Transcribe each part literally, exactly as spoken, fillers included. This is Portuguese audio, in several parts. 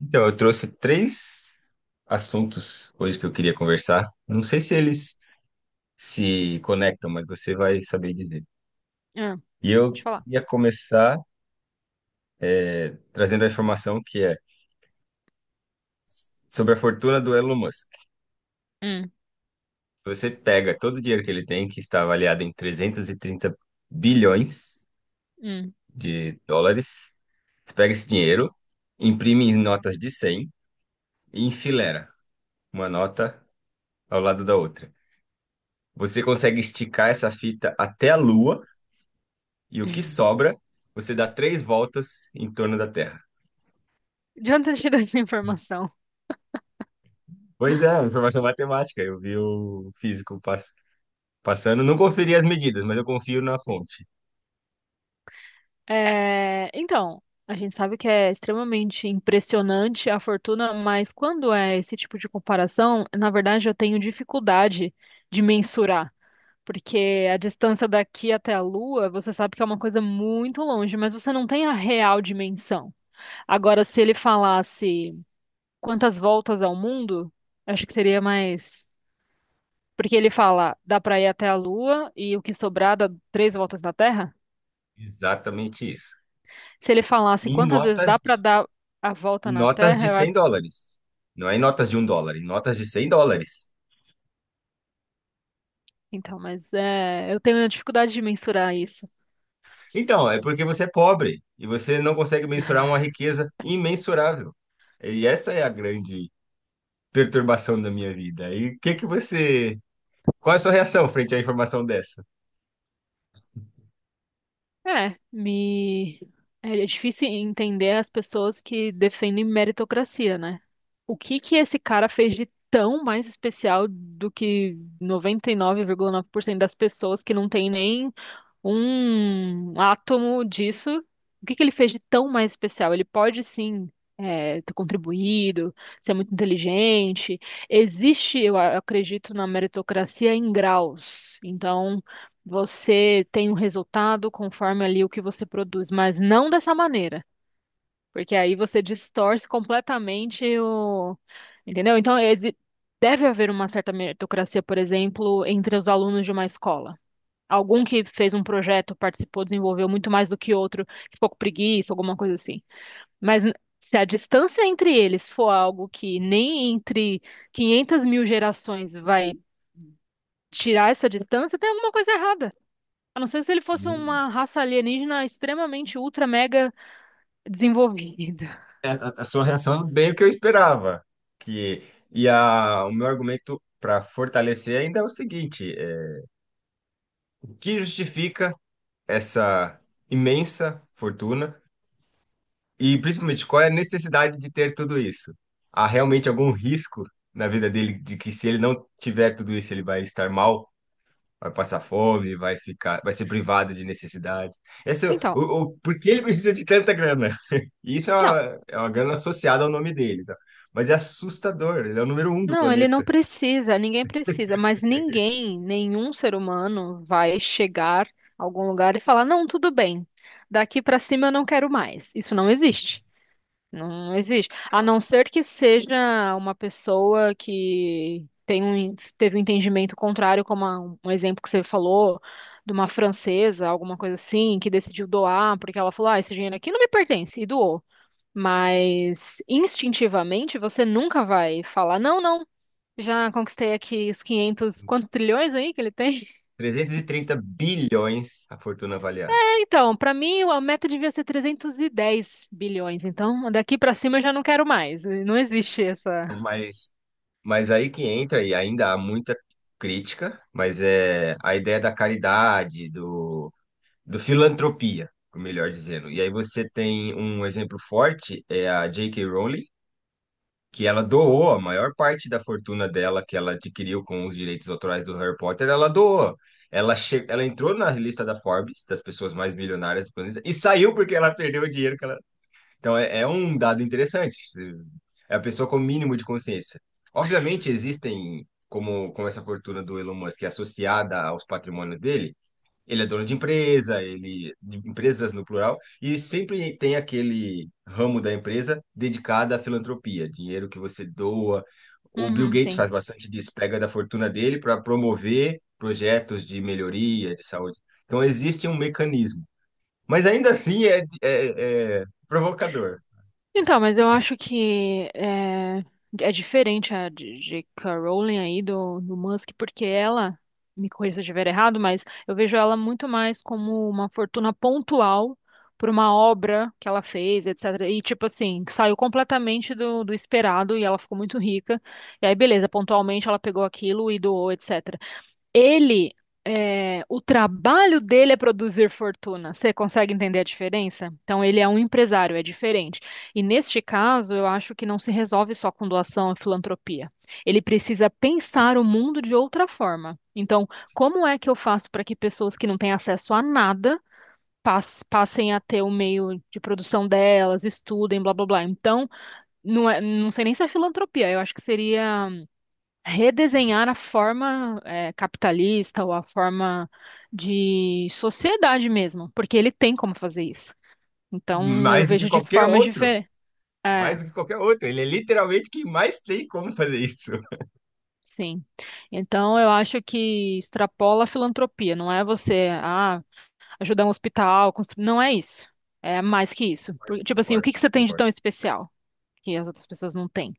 Então, eu trouxe três assuntos hoje que eu queria conversar. Não sei se eles se conectam, mas você vai saber dizer. Ah, E pode eu falar. ia começar é, trazendo a informação que é sobre a fortuna do Elon Musk. Hum, Se Você pega todo o dinheiro que ele tem, que está avaliado em trezentos e trinta bilhões hum. de dólares, você pega esse dinheiro, imprime em notas de cem e enfileira uma nota ao lado da outra. Você consegue esticar essa fita até a Lua e o que sobra, você dá três voltas em torno da Terra. De onde você tirou essa informação? Pois é, informação matemática. Eu vi o físico pass- passando, não conferi as medidas, mas eu confio na fonte. É, então, a gente sabe que é extremamente impressionante a fortuna, mas quando é esse tipo de comparação, na verdade eu tenho dificuldade de mensurar, porque a distância daqui até a Lua, você sabe que é uma coisa muito longe, mas você não tem a real dimensão. Agora, se ele falasse quantas voltas ao mundo, acho que seria mais. Porque ele fala, dá pra ir até a Lua e o que sobrar dá três voltas na Terra. Exatamente isso. Se ele falasse Em quantas vezes dá notas, pra de- dar a volta em na notas Terra, de eu cem acho. dólares. Não é em notas de um dólar, em notas de cem dólares. Então, mas é, eu tenho dificuldade de mensurar isso. Então, é porque você é pobre e você não consegue mensurar uma riqueza imensurável. E essa é a grande perturbação da minha vida. E o que que você... Qual é a sua reação frente à informação dessa? É, me. É é difícil entender as pessoas que defendem meritocracia, né? O que que esse cara fez de tão mais especial do que noventa e nove nove vírgula nove por cento das pessoas que não tem nem um átomo disso. O que que ele fez de tão mais especial? Ele pode sim, é, ter contribuído, ser muito inteligente. Existe, eu a- acredito, na meritocracia em graus. Então, você tem um resultado conforme ali o que você produz, mas não dessa maneira, porque aí você distorce completamente o. Entendeu? Então, exi- deve haver uma certa meritocracia, por exemplo, entre os alunos de uma escola. Algum que fez um projeto, participou, desenvolveu muito mais do que outro, que ficou com preguiça, alguma coisa assim. Mas n- se a distância entre eles for algo que nem entre 500 mil gerações vai tirar essa distância, tem alguma coisa errada. A não ser se ele fosse uma raça alienígena extremamente ultra mega desenvolvida. é, a a sua reação é bem o que eu esperava. Que, e a, o meu argumento para fortalecer ainda é o seguinte: é, o que justifica essa imensa fortuna e principalmente qual é a necessidade de ter tudo isso? Há realmente algum risco na vida dele de que se ele não tiver tudo isso, ele vai estar mal? Vai passar fome, vai ficar, vai ser privado de necessidades. Esse, é o, Então, o, o- por que ele precisa de tanta grana? E isso é não. uma, é uma grana associada ao nome dele, tá? Mas é assustador, ele é o número um do Não, ele não planeta. precisa, ninguém precisa, mas ninguém, nenhum ser humano vai chegar a algum lugar e falar: não, tudo bem, daqui pra cima eu não quero mais. Isso não existe. Não existe. A não ser que seja uma pessoa que tem um, teve um entendimento contrário, como a- um exemplo que você falou, de uma francesa, alguma coisa assim, que decidiu doar, porque ela falou: ah, esse dinheiro aqui não me pertence, e doou. Mas instintivamente você nunca vai falar: não, não. Já conquistei aqui os quinhentos quantos trilhões aí que ele tem? trezentos e trinta bilhões a fortuna avaliada. Então, pra mim, a meta devia ser trezentos e dez bilhões. Então, daqui pra cima eu já não quero mais. Não existe essa. Então, Mas, mas aí que entra, e ainda há muita crítica, mas é a ideia da caridade, do, do filantropia, melhor dizendo. E aí você tem um exemplo forte, é a J K. Rowling, que ela doou a maior parte da fortuna dela que ela adquiriu com os direitos autorais do Harry Potter, ela doou. Ela, che... ela entrou na lista da Forbes, das pessoas mais milionárias do planeta, e saiu porque ela perdeu o dinheiro que ela. Então é, é um dado interessante. É a pessoa com o mínimo de consciência. Obviamente existem, como, como essa fortuna do Elon Musk é associada aos patrimônios dele, ele é dono de empresa, ele de empresas no plural, e sempre tem aquele ramo da empresa dedicado à filantropia, dinheiro que você doa. O Bill Uhum, Gates gente. faz bastante disso, pega da fortuna dele para promover projetos de melhoria de saúde. Então existe um mecanismo, mas ainda assim é, é, é provocador Então, mas eu acho que é, é diferente a de jota ká. Rowling aí do, do Musk, porque ela, me corrija se eu estiver errado, mas eu vejo ela muito mais como uma fortuna pontual por uma obra que ela fez, etcétera. E, tipo assim, saiu completamente do, do esperado e ela ficou muito rica. E aí, beleza, pontualmente ela pegou aquilo e doou, etcétera. Ele, é, o trabalho dele é produzir fortuna. Você consegue entender a diferença? Então, ele é um empresário, é diferente. E neste caso, eu acho que não se resolve só com doação e filantropia. Ele precisa pensar também. o mundo de outra forma. Então, como é que eu faço para que pessoas que não têm acesso a nada pas- passem a ter o meio de produção delas, estudem, blá blá blá. Então, não é- não sei nem se é filantropia, eu acho que seria redesenhar a forma eh, capitalista ou a forma de sociedade mesmo, porque ele tem como fazer isso. Então, eu Mais do que vejo de qualquer formas outro, diferentes. É, mais do que qualquer outro. Ele é literalmente quem mais tem como fazer isso. sim. Então, eu acho que extrapola a filantropia. Não é você, ah, ajudar um hospital, construir. Não é isso. É mais que isso. Por- tipo assim, o Concordo, que que você tem de concordo. tão especial que as outras pessoas não têm?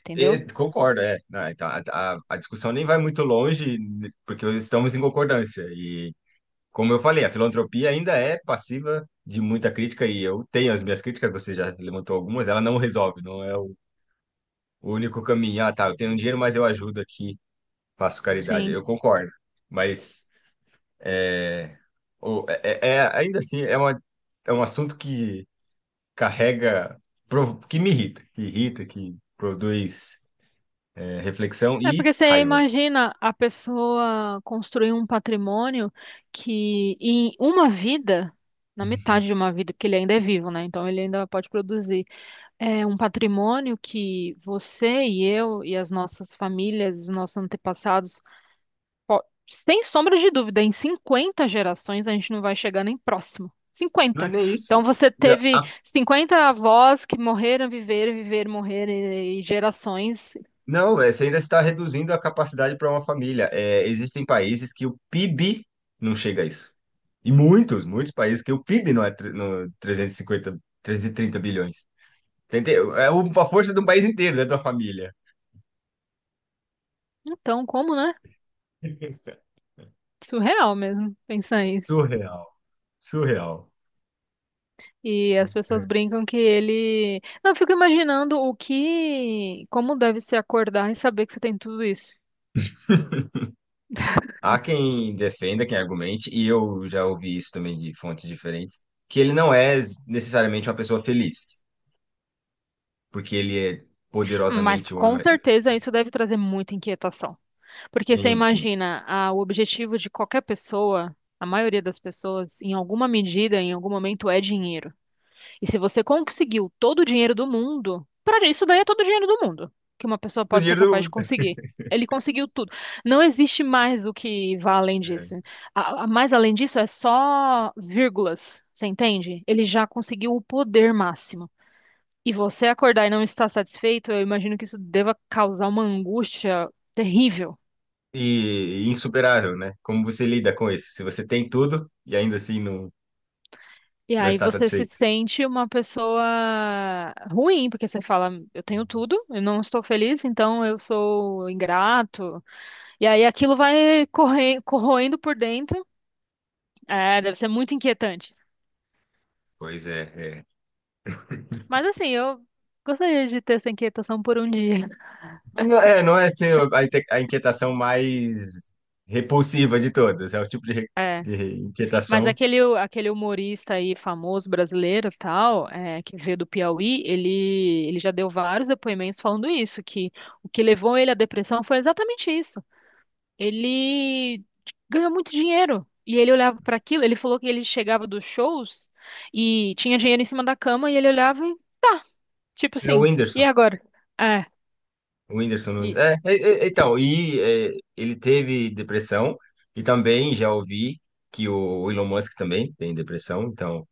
Entendeu? E- concordo, é. Não, então, a, a- a discussão nem vai muito longe, né, porque estamos em concordância. E, como eu falei, a filantropia ainda é passiva de muita crítica, e eu tenho as minhas críticas, você já levantou algumas, ela não resolve, não é o o único caminho. Ah, tá, eu tenho dinheiro, mas eu ajudo aqui, faço caridade. Sim. Eu concordo. Mas é, o- é, é- é- ainda assim, é, uma, é um assunto que carrega, provo- que me irrita, que irrita, que produz é, reflexão É e porque você raiva. imagina a pessoa construir um patrimônio que em uma vida, na metade de uma vida, porque ele ainda é vivo, né? Então ele ainda pode produzir. É um patrimônio que você e eu e as nossas famílias, os nossos antepassados, po- sem sombra de dúvida, em cinquenta gerações a gente não vai chegar nem próximo. Não é Cinquenta. nem isso. Então você Não, teve a- cinquenta avós que morreram, viveram, viveram, morreram e e gerações. não, é, você ainda está reduzindo a capacidade para uma família. É, existem países que o P I B não chega a isso. E muitos, muitos países que o P I B não é tre- no trezentos e cinquenta, trezentos e trinta bilhões. Tentei- É o- a força de um país inteiro, né, de uma família. Então, como, né? Surreal mesmo pensar isso. Surreal. Surreal. E as pessoas É. brincam que ele. Não, eu fico imaginando o que. Como deve se acordar e saber que você tem tudo isso. Há quem defenda, quem argumente, e eu já ouvi isso também de fontes diferentes, que ele não é necessariamente uma pessoa feliz, porque ele é Mas poderosamente um homem. com mais- certeza isso deve trazer muita inquietação. Porque você Sim, sim. imagina, ah, o objetivo de qualquer pessoa, a maioria das pessoas, em alguma medida, em algum momento, é dinheiro. E se você conseguiu todo o dinheiro do mundo, para isso daí é todo o dinheiro do mundo que uma pessoa Do pode ser dinheiro do capaz de mundo. conseguir. Ele conseguiu tudo. Não existe mais o que vá além disso. É. A, a- mais além disso é só vírgulas, você entende? Ele já conseguiu o poder máximo. E você acordar e não estar satisfeito, eu imagino que isso deva causar uma angústia terrível. E, e insuperável, né? Como você lida com isso? Se você tem tudo e ainda assim não, E não aí está você se satisfeito. sente uma pessoa ruim, porque você fala, eu tenho tudo, eu não estou feliz, então eu sou ingrato. E aí aquilo vai corre- corroendo por dentro. É, deve ser muito inquietante. Pois é, é. Mas assim, eu gostaria de ter essa inquietação por um dia. Não é, não é assim, a, inte- a inquietação mais repulsiva de todas. É o tipo de, re- de Mas inquietação. aquele, aquele humorista aí famoso brasileiro, e tal, é, que veio do Piauí, ele, ele já deu vários depoimentos falando isso, que o que levou ele à depressão foi exatamente isso. Ele ganhou muito dinheiro. E ele olhava para aquilo, ele falou que ele chegava dos shows e tinha dinheiro em cima da cama e ele olhava e tá, tipo É o assim, e Whindersson. agora? É, O Whindersson Nunes. e É, é, é, então, e é, ele teve depressão e também já ouvi que o Elon Musk também tem depressão. Então,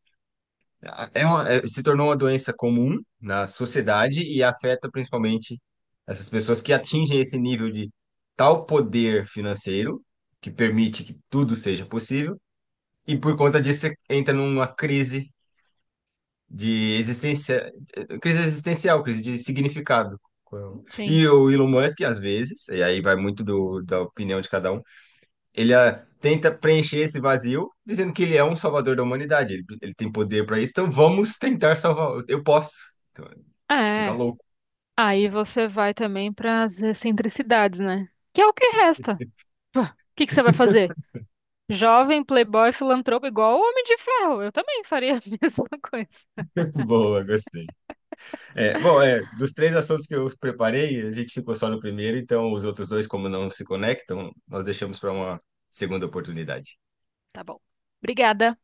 É uma- é- se tornou uma doença comum na sociedade e afeta principalmente essas pessoas que atingem esse nível de tal poder financeiro que permite que tudo seja possível, e por conta disso você entra numa crise de existência, eh, crise existencial, crise de significado. sim. E o Elon Musk, às vezes, e aí vai muito do, da opinião de cada um. Ele ah, tenta preencher esse vazio, dizendo que ele é um salvador da humanidade. Ele, ele tem poder para isso, então vamos tentar salvar. Eu posso. Então, Fica É. louco. Aí você vai também para as excentricidades, né? Que é o que resta. Pô, o que que você vai fazer? Jovem, playboy, filantropo, igual o Homem de Ferro. Eu também faria a mesma coisa. Boa, gostei. É, bom, é, dos três assuntos que eu preparei, a gente ficou só no primeiro, então os outros dois, como não se conectam, nós deixamos para uma segunda oportunidade. Tá bom. Obrigada.